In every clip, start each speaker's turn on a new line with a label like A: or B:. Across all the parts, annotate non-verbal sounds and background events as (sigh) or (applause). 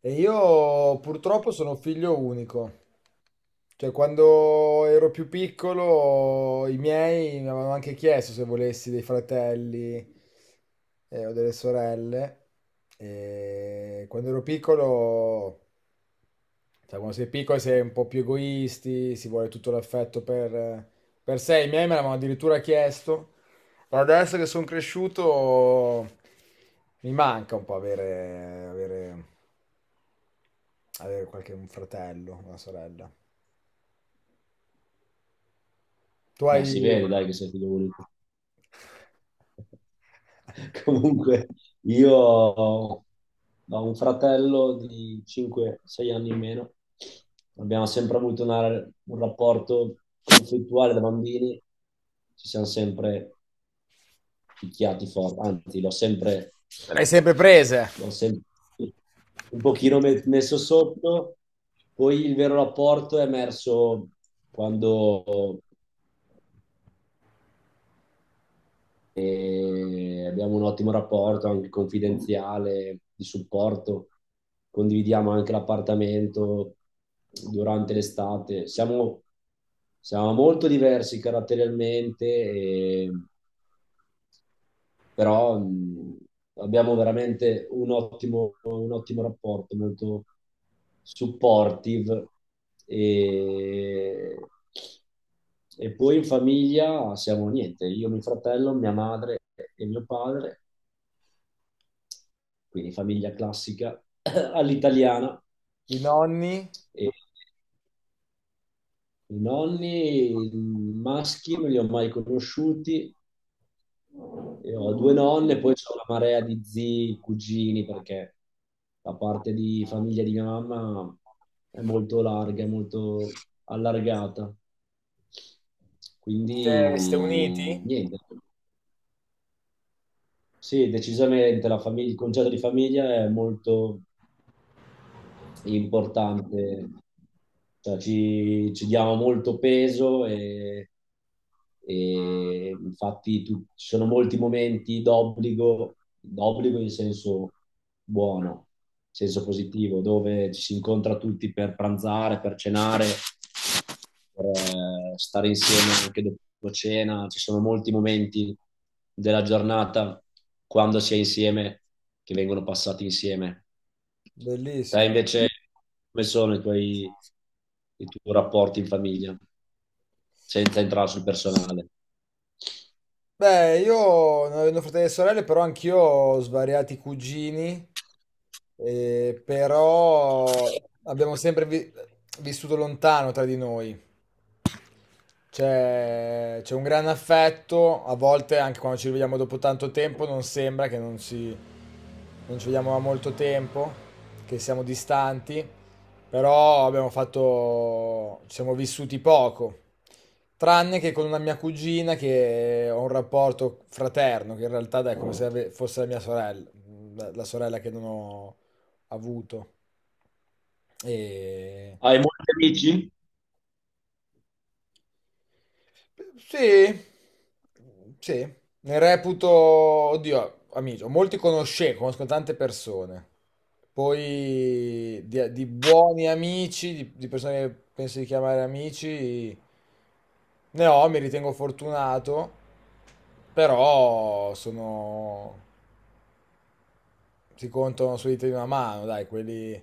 A: E io purtroppo sono figlio unico, cioè quando ero più piccolo i miei mi avevano anche chiesto se volessi dei fratelli o delle sorelle. E quando ero piccolo, sai, quando sei piccolo sei un po' più egoisti, si vuole tutto l'affetto per sé. I miei me l'avevano addirittura chiesto, ma adesso che sono cresciuto mi manca un po' avere qualche un fratello, una sorella. Tu
B: Beh,
A: hai,
B: si vede, dai, che sei figlio unico. (laughs) Comunque, io ho un fratello di 5-6 anni in meno. Abbiamo sempre avuto un rapporto conflittuale da bambini. Ci siamo sempre picchiati forte, anzi, l'ho sempre,
A: le hai sempre prese?
B: l'ho sempre un pochino messo sotto. Poi il vero rapporto è emerso quando abbiamo un ottimo rapporto anche confidenziale di supporto, condividiamo anche l'appartamento durante l'estate. Siamo molto diversi caratterialmente e però abbiamo veramente un ottimo rapporto, molto supportive e, e poi in famiglia siamo niente, io, mio fratello, mia madre e mio padre, quindi famiglia classica (clears throat) (laughs) all'italiana.
A: I nonni?
B: E I nonni maschi non li ho mai conosciuti. Io ho due nonne, poi c'ho una marea di zii, cugini, perché la parte di famiglia di mia mamma è molto larga, è molto allargata.
A: Siete, siete
B: Quindi
A: uniti?
B: niente. Sì, decisamente il concetto di famiglia è molto importante, cioè ci diamo molto peso e ci sono molti momenti d'obbligo, d'obbligo in senso buono, in senso positivo, dove ci si incontra tutti per pranzare, per cenare, per stare insieme anche dopo cena. Ci sono molti momenti della giornata quando si è insieme che vengono passati insieme. Te
A: Bellissimo.
B: invece, come sono i tuoi rapporti in famiglia, senza entrare sul personale?
A: Beh, io non avendo fratelli e sorelle, però anch'io ho svariati cugini, però abbiamo sempre vissuto lontano tra di noi. C'è un gran affetto, a volte anche quando ci rivediamo dopo tanto tempo non sembra che non ci vediamo da molto tempo, che siamo distanti, però abbiamo fatto, ci siamo vissuti poco, tranne che con una mia cugina che ho un rapporto fraterno, che in realtà è come se fosse la mia sorella, la sorella che non ho avuto. E...
B: Hai molti amici?
A: Sì, sì, ne reputo, oddio, amico, molti conosco tante persone, poi di buoni amici, di persone che penso di chiamare amici, ne ho, mi ritengo fortunato, però sono, si contano sulle dita di una mano, dai, quelli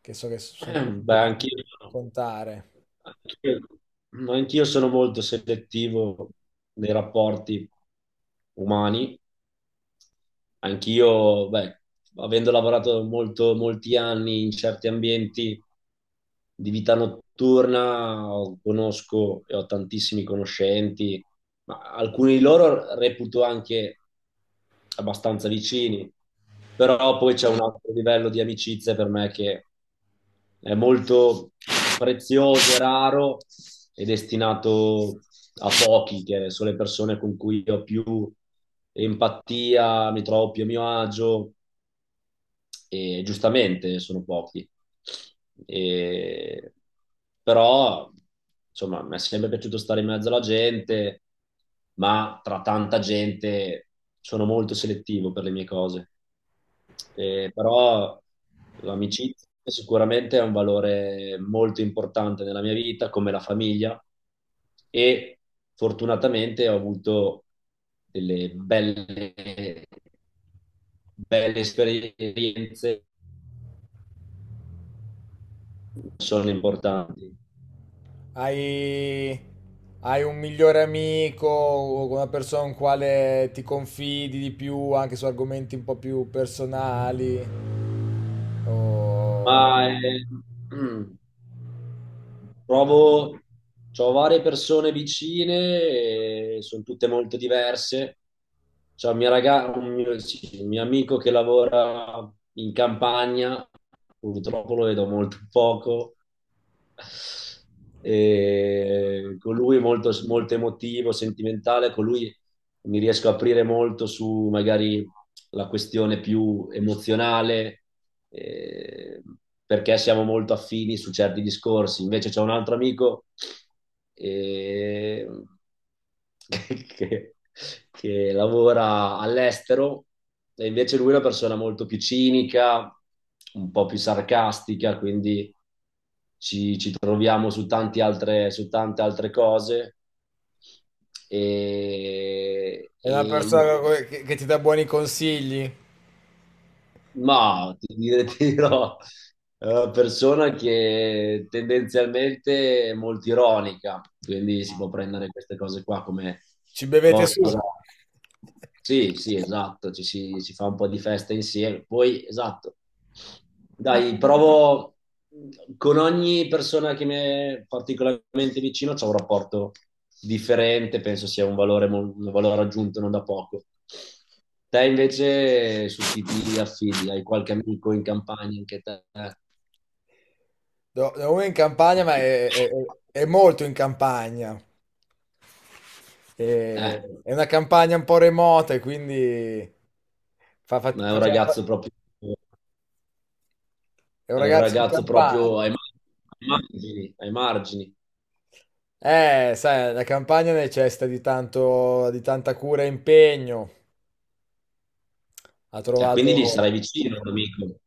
A: che so che sono
B: (clears throat)
A: quelli
B: Beh,
A: che
B: anch'io, no.
A: contare.
B: anch'io, anch'io sono molto selettivo nei rapporti umani. Anch'io, beh, avendo lavorato molto, molti anni in certi ambienti di vita notturna, conosco e ho tantissimi conoscenti ma alcuni di loro reputo anche abbastanza vicini, però poi c'è un altro livello di amicizia per me che è molto prezioso e raro e destinato a pochi, che sono le persone con cui ho più empatia, mi trovo più a mio agio e giustamente sono pochi. E- Però, insomma, mi è sempre piaciuto stare in mezzo alla gente, ma tra tanta gente sono molto selettivo per le mie cose. Però l'amicizia sicuramente è un valore molto importante nella mia vita, come la famiglia, e fortunatamente ho avuto delle belle, belle esperienze sono importanti.
A: Hai, hai un migliore amico, una persona con quale ti confidi di più anche su argomenti un po' più personali,
B: Ma
A: o
B: eh, (clears throat) mm, provo, ho varie persone vicine, e sono tutte molto diverse. C'è un mio, sì, un mio amico che lavora in campagna, purtroppo lo vedo molto poco. E con lui è molto, molto emotivo, sentimentale, con lui mi riesco a aprire molto su magari la questione più emozionale, eh, perché siamo molto affini su certi discorsi. Invece c'è un altro amico eh, (laughs) che, che lavora all'estero e invece lui è una persona molto più cinica, un po' più sarcastica, quindi ci troviamo su, tanti altre, su tante altre cose.
A: è una
B: E in
A: persona che ti dà buoni consigli.
B: Ti dirò, è una persona che tendenzialmente è molto ironica, quindi si può prendere queste cose qua come
A: Ci bevete su.
B: cosa. Sì, sì, esatto, ci si, si fa un po' di festa insieme. Poi, esatto, dai, provo con ogni persona che mi è particolarmente vicino, c'è un rapporto differente, penso sia un valore, un valore aggiunto non da poco. Te invece su chi ti affidi? Hai qualche amico in campagna anche te?
A: Uno è in campagna, ma è molto in campagna.
B: Eh,
A: È una campagna un po' remota, e quindi fa- fa-
B: ma è un
A: facciamo fa-
B: ragazzo proprio,
A: è un
B: è un
A: ragazzo di
B: ragazzo
A: campagna.
B: proprio ai margini, ai margini.
A: Sai, la campagna necessita di tanto, di tanta cura e impegno. Ha
B: E quindi lì
A: trovato...
B: sarai vicino, amico.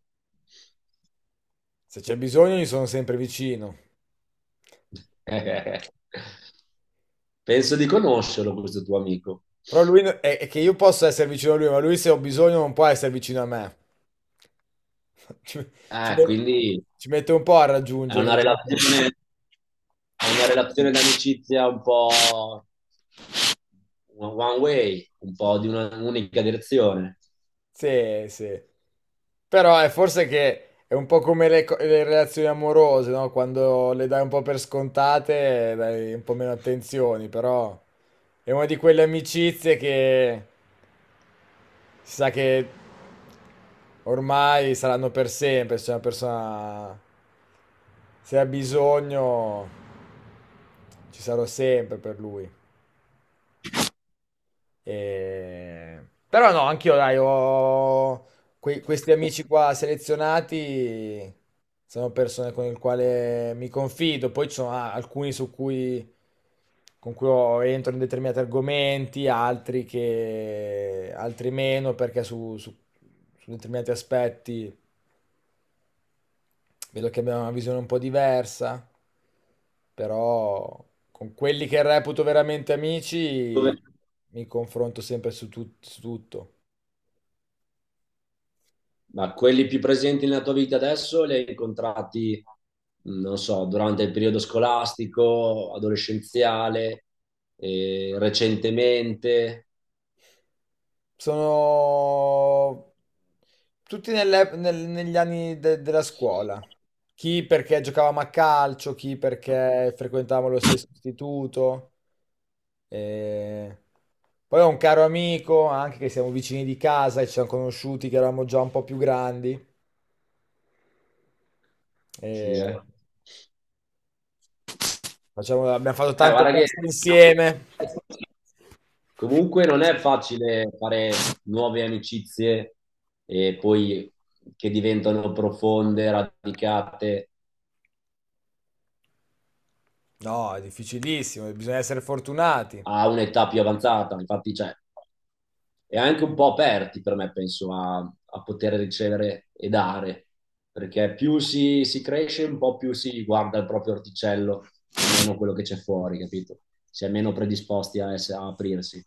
A: Se c'è bisogno, gli sono sempre vicino.
B: (laughs) Penso di conoscerlo questo tuo amico.
A: Però lui no, è che io posso essere vicino a lui, ma lui se ho bisogno non può essere vicino a me. (laughs) Ci, ci
B: Ah,
A: met-
B: quindi
A: ci mette un po' a
B: è
A: raggiungere.
B: una relazione, è una relazione d'amicizia un po' one one way, un po' di un'unica direzione.
A: Sì, sì. Però è forse che è un po' come le relazioni amorose, no? Quando le dai un po' per scontate, dai un po' meno attenzioni, però è una di quelle amicizie che si sa che ormai saranno per sempre, se una persona se ha bisogno ci sarò sempre per lui. E... Però no, anch'io, dai, ho questi amici qua selezionati, sono persone con le quali mi confido, poi ci sono ah, alcuni su cui, con cui entro in determinati argomenti, altri che, altri meno, perché su determinati aspetti vedo che abbiamo una visione un po' diversa, però con quelli che reputo veramente amici
B: Dove-
A: mi confronto sempre su su tutto.
B: ma quelli più presenti nella tua vita adesso li hai incontrati, non so, durante il periodo scolastico, adolescenziale, recentemente?
A: Sono tutti negli anni della scuola. Chi perché giocavamo a calcio, chi perché frequentavamo lo stesso istituto. E poi ho un caro amico, anche che siamo vicini di casa e ci siamo conosciuti che eravamo già un po' più grandi. E
B: Sì, eh.
A: abbiamo fatto tante
B: Guarda che...
A: feste insieme.
B: Comunque non è facile fare nuove amicizie e poi che diventano profonde, radicate
A: No, è difficilissimo, bisogna essere fortunati.
B: a un'età più avanzata. Infatti, cioè, è anche un po' aperti per me, penso, a, a poter ricevere e dare, perché più si cresce, un po' più si guarda il proprio orticello e meno quello che c'è fuori, capito? Si è meno predisposti a, a aprirsi.